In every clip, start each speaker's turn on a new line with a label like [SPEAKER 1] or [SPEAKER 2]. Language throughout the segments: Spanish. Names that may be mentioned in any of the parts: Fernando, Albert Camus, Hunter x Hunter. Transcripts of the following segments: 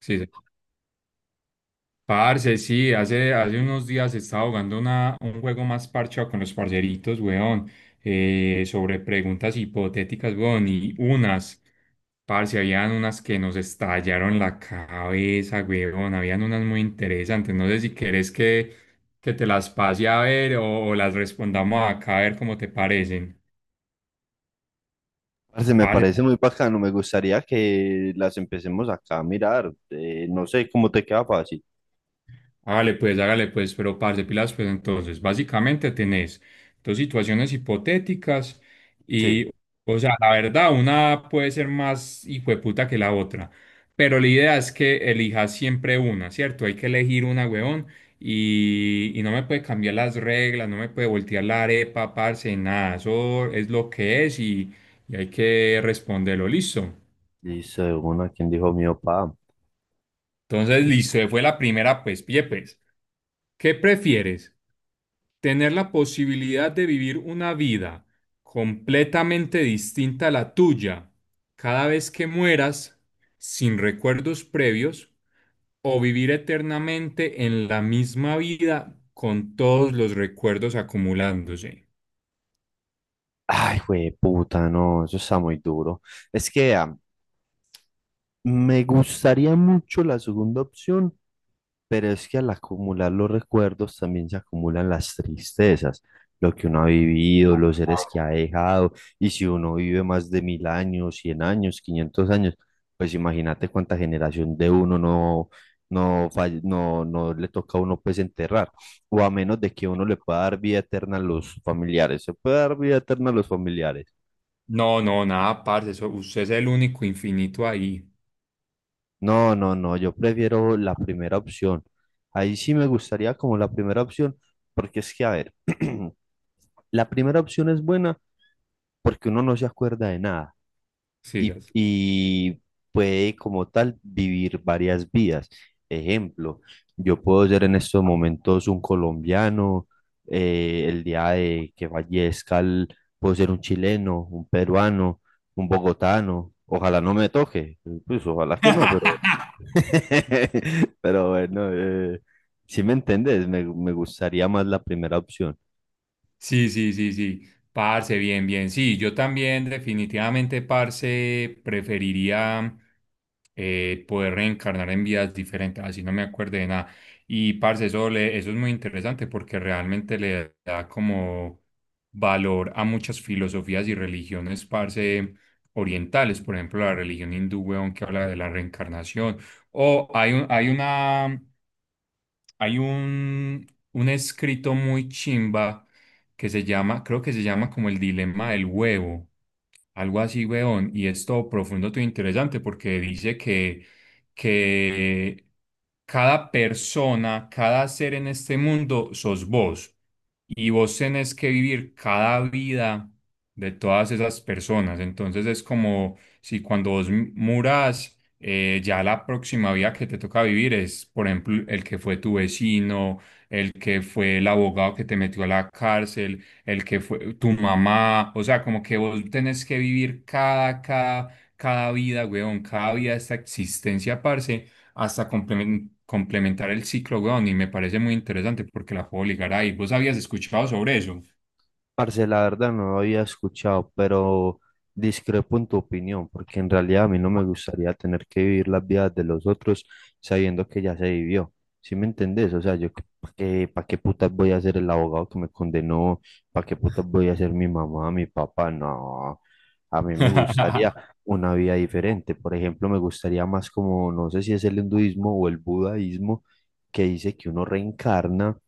[SPEAKER 1] Sí, sí. Parce, sí, hace unos días estaba jugando un juego más parchado con los parceritos, weón, sobre preguntas hipotéticas, weón, parce, habían unas que nos estallaron la cabeza, weón, habían unas muy interesantes, no sé si querés que te las pase a ver o las respondamos acá a ver cómo te parecen.
[SPEAKER 2] Parce, me
[SPEAKER 1] Parce,
[SPEAKER 2] parece muy bacano, me gustaría que las empecemos acá a mirar. No sé cómo te queda fácil.
[SPEAKER 1] hágale pues, hágale pues, pero parce, pilas pues entonces, básicamente tenés dos situaciones hipotéticas y,
[SPEAKER 2] Sí.
[SPEAKER 1] o sea, la verdad, una puede ser más hijueputa que la otra, pero la idea es que elijas siempre una, ¿cierto? Hay que elegir una, huevón, y no me puede cambiar las reglas, no me puede voltear la arepa, parce, nada, eso es lo que es y hay que responderlo, listo.
[SPEAKER 2] Listo, de una, ¿quién dijo mi papá?
[SPEAKER 1] Entonces, listo, fue la primera, pues, pille pues, ¿qué prefieres? Tener la posibilidad de vivir una vida completamente distinta a la tuya cada vez que mueras sin recuerdos previos o vivir eternamente en la misma vida con todos los recuerdos acumulándose.
[SPEAKER 2] Ay, güey, puta, no, eso está muy duro. Es que, me gustaría mucho la segunda opción, pero es que al acumular los recuerdos también se acumulan las tristezas, lo que uno ha vivido, los seres que ha dejado, y si uno vive más de 1.000 años, 100 años, 500 años, pues imagínate cuánta generación de uno no, no, no, no le toca a uno pues enterrar, o a menos de que uno le pueda dar vida eterna a los familiares, se puede dar vida eterna a los familiares.
[SPEAKER 1] No, no, nada, parce, eso, usted es el único infinito ahí.
[SPEAKER 2] No, no, no, yo prefiero la primera opción. Ahí sí me gustaría como la primera opción, porque es que, a ver, la primera opción es buena porque uno no se acuerda de nada
[SPEAKER 1] Sí,
[SPEAKER 2] y,
[SPEAKER 1] sas.
[SPEAKER 2] y puede como tal vivir varias vidas. Ejemplo, yo puedo ser en estos momentos un colombiano, el día de que fallezca el- puedo ser un chileno, un peruano, un bogotano. Ojalá no me toque, pues ojalá que no, pero, pero bueno, si me entiendes, me gustaría más la primera opción.
[SPEAKER 1] Sí, sí, sí, sí. Parce, bien, bien. Sí, yo también definitivamente, parce, preferiría poder reencarnar en vidas diferentes, así no me acuerdo de nada. Y, parce, eso, le- eso es muy interesante porque realmente le da como valor a muchas filosofías y religiones, parce, orientales. Por ejemplo, la religión hindú, weón, que habla de la reencarnación. O hay una... Hay un escrito muy chimba que se llama, creo que se llama como el dilema del huevo, algo así, weón, y es todo profundo, todo interesante porque dice que cada persona, cada ser en este mundo sos vos y vos tenés que vivir cada vida de todas esas personas. Entonces es como si cuando vos murás ya la próxima vida que te toca vivir es, por ejemplo, el que fue tu vecino, el que fue el abogado que te metió a la cárcel, el que fue tu mamá, o sea, como que vos tenés que vivir cada vida, weón, cada vida de esta existencia, parce, hasta complementar el ciclo, weón, y me parece muy interesante porque la puedo ligar ahí. ¿Vos habías escuchado sobre eso?
[SPEAKER 2] Parce, la verdad no lo había escuchado, pero discrepo en tu opinión, porque en realidad a mí no me gustaría tener que vivir las vidas de los otros sabiendo que ya se vivió. ¿Sí me entendés? O sea, ¿para qué putas voy a ser el abogado que me condenó? ¿Para qué putas voy a ser mi mamá, mi papá? No, a mí me gustaría una vida diferente. Por ejemplo, me gustaría más como, no sé si es el hinduismo o el budaísmo, que dice que uno reencarna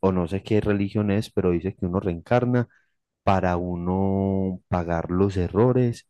[SPEAKER 2] o no sé qué religión es, pero dice que uno reencarna para uno pagar los errores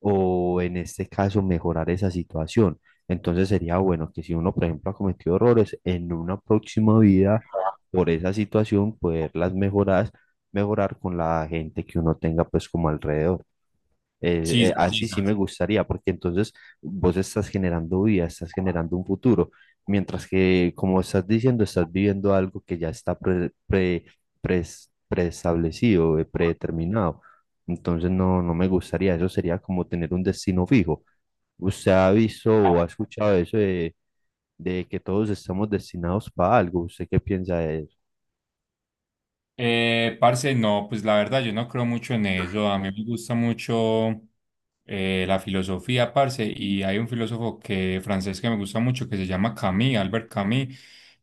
[SPEAKER 2] o en este caso mejorar esa situación. Entonces sería bueno que si uno, por ejemplo, ha cometido errores en una próxima vida por esa situación, poderlas mejorar, mejorar con la gente que uno tenga pues como alrededor. Eh,
[SPEAKER 1] Sí,
[SPEAKER 2] eh,
[SPEAKER 1] sí,
[SPEAKER 2] así sí me gustaría, porque entonces vos estás generando vida, estás generando un futuro, mientras que, como estás diciendo, estás viviendo algo que ya está preestablecido, predeterminado. Entonces no, no me gustaría, eso sería como tener un destino fijo. ¿Usted ha visto o ha escuchado eso de que todos estamos destinados para algo? ¿Usted qué piensa de eso?
[SPEAKER 1] eh, parce, no, pues la verdad yo no creo mucho en eso. A mí no me gusta mucho la filosofía, parce, y hay un filósofo francés que me gusta mucho que se llama Camus, Albert Camus,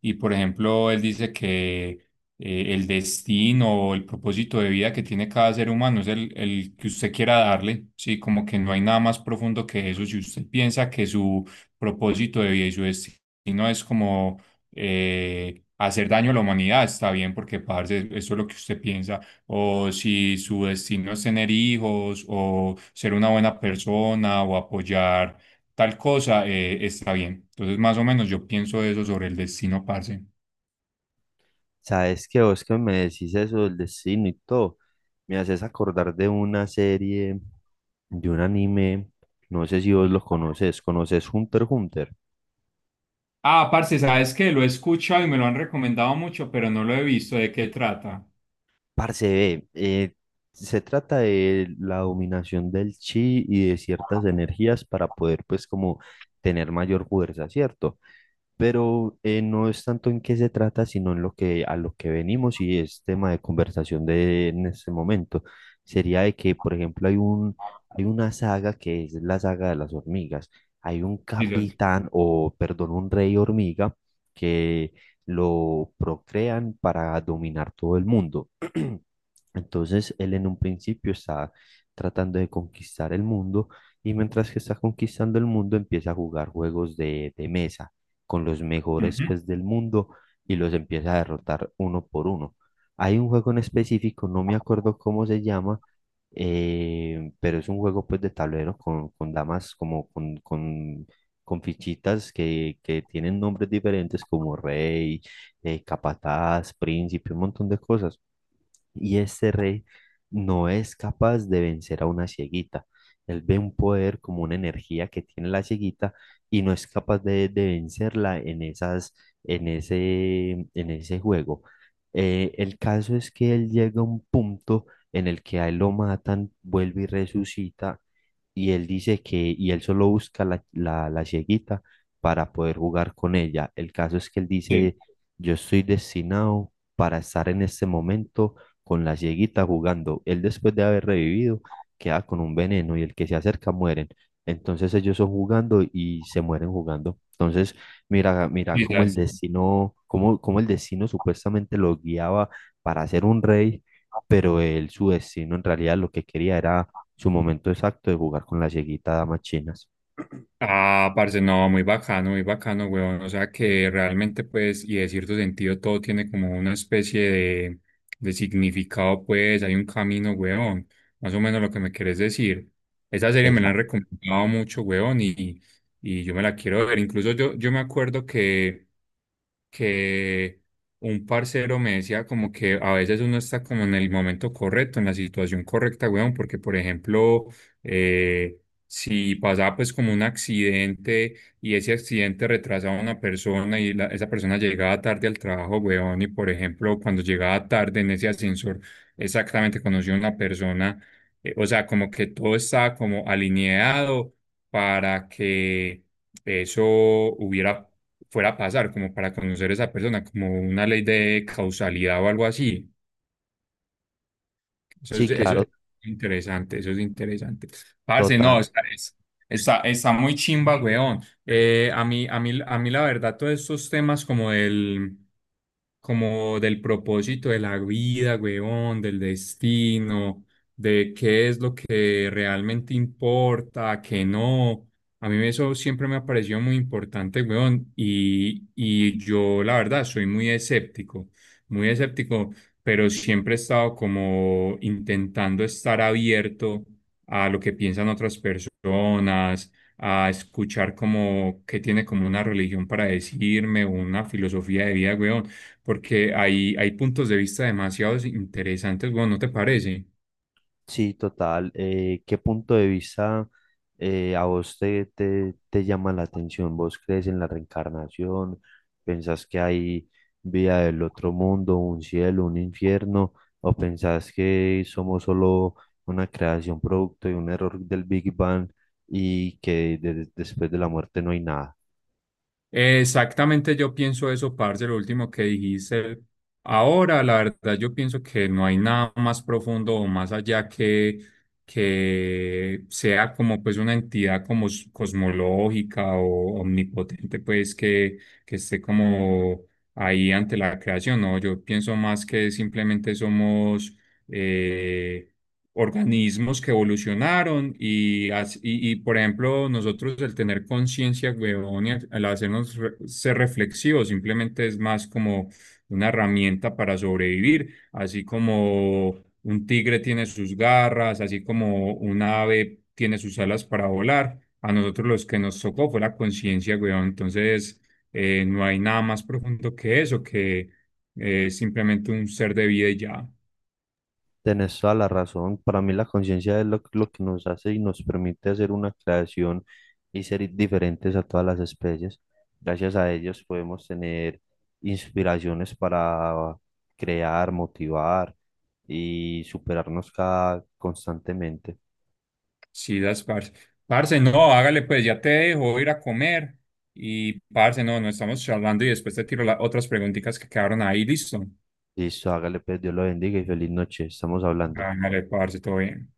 [SPEAKER 1] y por ejemplo él dice que el destino o el propósito de vida que tiene cada ser humano es el que usted quiera darle, sí, como que no hay nada más profundo que eso. Si usted piensa que su propósito de vida y su destino es como hacer daño a la humanidad, está bien, porque parce, eso es lo que usted piensa. O si su destino es tener hijos, o ser una buena persona, o apoyar tal cosa, está bien. Entonces, más o menos, yo pienso eso sobre el destino, parce.
[SPEAKER 2] ¿Sabes que vos que me decís eso del destino y todo? Me haces acordar de una serie de un anime, no sé si vos lo conoces, ¿conoces Hunter x Hunter?
[SPEAKER 1] Ah, parce, sabes que lo he escuchado y me lo han recomendado mucho, pero no lo he visto. ¿De qué trata?
[SPEAKER 2] Parce, ve, se trata de la dominación del chi y de ciertas energías para poder pues como tener mayor fuerza, ¿cierto? Pero no es tanto en qué se trata, sino en lo que a lo que venimos y es tema de conversación de en este momento. Sería de que, por ejemplo, hay una saga que es la saga de las hormigas. Hay un
[SPEAKER 1] Quizás.
[SPEAKER 2] capitán o, perdón, un rey hormiga que lo procrean para dominar todo el mundo. Entonces, él en un principio está tratando de conquistar el mundo y mientras que está conquistando el mundo empieza a jugar juegos de mesa con los mejores
[SPEAKER 1] Ujú,
[SPEAKER 2] pues del mundo y los empieza a derrotar uno por uno. Hay un juego en específico, no me acuerdo cómo se llama, pero es un juego pues de tablero con, con fichitas que tienen nombres diferentes como rey, capataz, príncipe, un montón de cosas y este rey no es capaz de vencer a una cieguita. Él ve un poder como una energía que tiene la cieguita y no es capaz de vencerla en ese juego. El caso es que él llega a un punto en el que a él lo matan, vuelve y resucita y él dice que, y él solo busca la cieguita para poder jugar con ella. El caso es que él
[SPEAKER 1] sí,
[SPEAKER 2] dice, yo estoy destinado para estar en este momento con la cieguita jugando. Él después de haber revivido queda con un veneno y el que se acerca mueren. Entonces ellos son jugando y se mueren jugando. Entonces, mira, mira cómo el
[SPEAKER 1] quizás.
[SPEAKER 2] destino, cómo el destino supuestamente lo guiaba para ser un rey, pero él, su destino en realidad lo que quería era su momento exacto de jugar con la cieguita damas chinas.
[SPEAKER 1] Ah, parce, no, muy bacano, weón. O sea que realmente, pues, y de cierto sentido, todo tiene como una especie de significado, pues, hay un camino, weón. Más o menos lo que me querés decir. Esa serie
[SPEAKER 2] Es
[SPEAKER 1] me la han
[SPEAKER 2] la.
[SPEAKER 1] recomendado mucho, weón, y yo me la quiero ver. Incluso yo me acuerdo que un parcero me decía como que a veces uno está como en el momento correcto, en la situación correcta, weón, porque por ejemplo, eh, si pasaba pues como un accidente y ese accidente retrasaba a una persona y esa persona llegaba tarde al trabajo, weón, y por ejemplo, cuando llegaba tarde en ese ascensor, exactamente conoció a una persona, o sea, como que todo estaba como alineado para que eso hubiera fuera a pasar, como para conocer a esa persona, como una ley de causalidad o algo así.
[SPEAKER 2] Sí,
[SPEAKER 1] Eso
[SPEAKER 2] claro,
[SPEAKER 1] es interesante, eso es interesante. Parce, no,
[SPEAKER 2] total.
[SPEAKER 1] está, está muy chimba, weón. A mí la verdad, todos estos temas como del propósito de la vida, weón, del destino, de qué es lo que realmente importa, qué no. A mí eso siempre me ha parecido muy importante, weón, y yo la verdad soy muy escéptico pero siempre he estado como intentando estar abierto a lo que piensan otras personas, a escuchar como qué tiene como una religión para decirme, o una filosofía de vida, weón, porque hay puntos de vista demasiado interesantes, weón, ¿no te parece?
[SPEAKER 2] Sí, total. ¿Qué punto de vista a vos te llama la atención? ¿Vos crees en la reencarnación? ¿Pensás que hay vida del otro mundo, un cielo, un infierno? ¿O pensás que somos solo una creación producto de un error del Big Bang y que después de la muerte no hay nada?
[SPEAKER 1] Exactamente, yo pienso eso, parce, lo último que dijiste. Ahora, la verdad, yo pienso que no hay nada más profundo o más allá que sea como pues una entidad como cosmológica o omnipotente, pues que esté como ahí ante la creación, ¿no? Yo pienso más que simplemente somos... eh, organismos que evolucionaron y, y, por ejemplo, nosotros el tener conciencia, huevón, y al hacernos ser reflexivos, simplemente es más como una herramienta para sobrevivir, así como un tigre tiene sus garras, así como un ave tiene sus alas para volar. A nosotros los que nos tocó fue la conciencia, huevón. Entonces, no hay nada más profundo que eso, que es simplemente un ser de vida y ya.
[SPEAKER 2] Tenés toda la razón. Para mí la conciencia es lo que nos hace y nos permite hacer una creación y ser diferentes a todas las especies. Gracias a ellos podemos tener inspiraciones para crear, motivar y superarnos cada constantemente.
[SPEAKER 1] Sí, das, parce. Parce, no, hágale pues, ya te dejo, voy a ir a comer. Y parce, no, no, estamos charlando y después te tiro las otras preguntitas que quedaron ahí, listo.
[SPEAKER 2] Listo, hágale pues, Dios lo bendiga y feliz noche. Estamos hablando.
[SPEAKER 1] Hágale, parce, todo bien.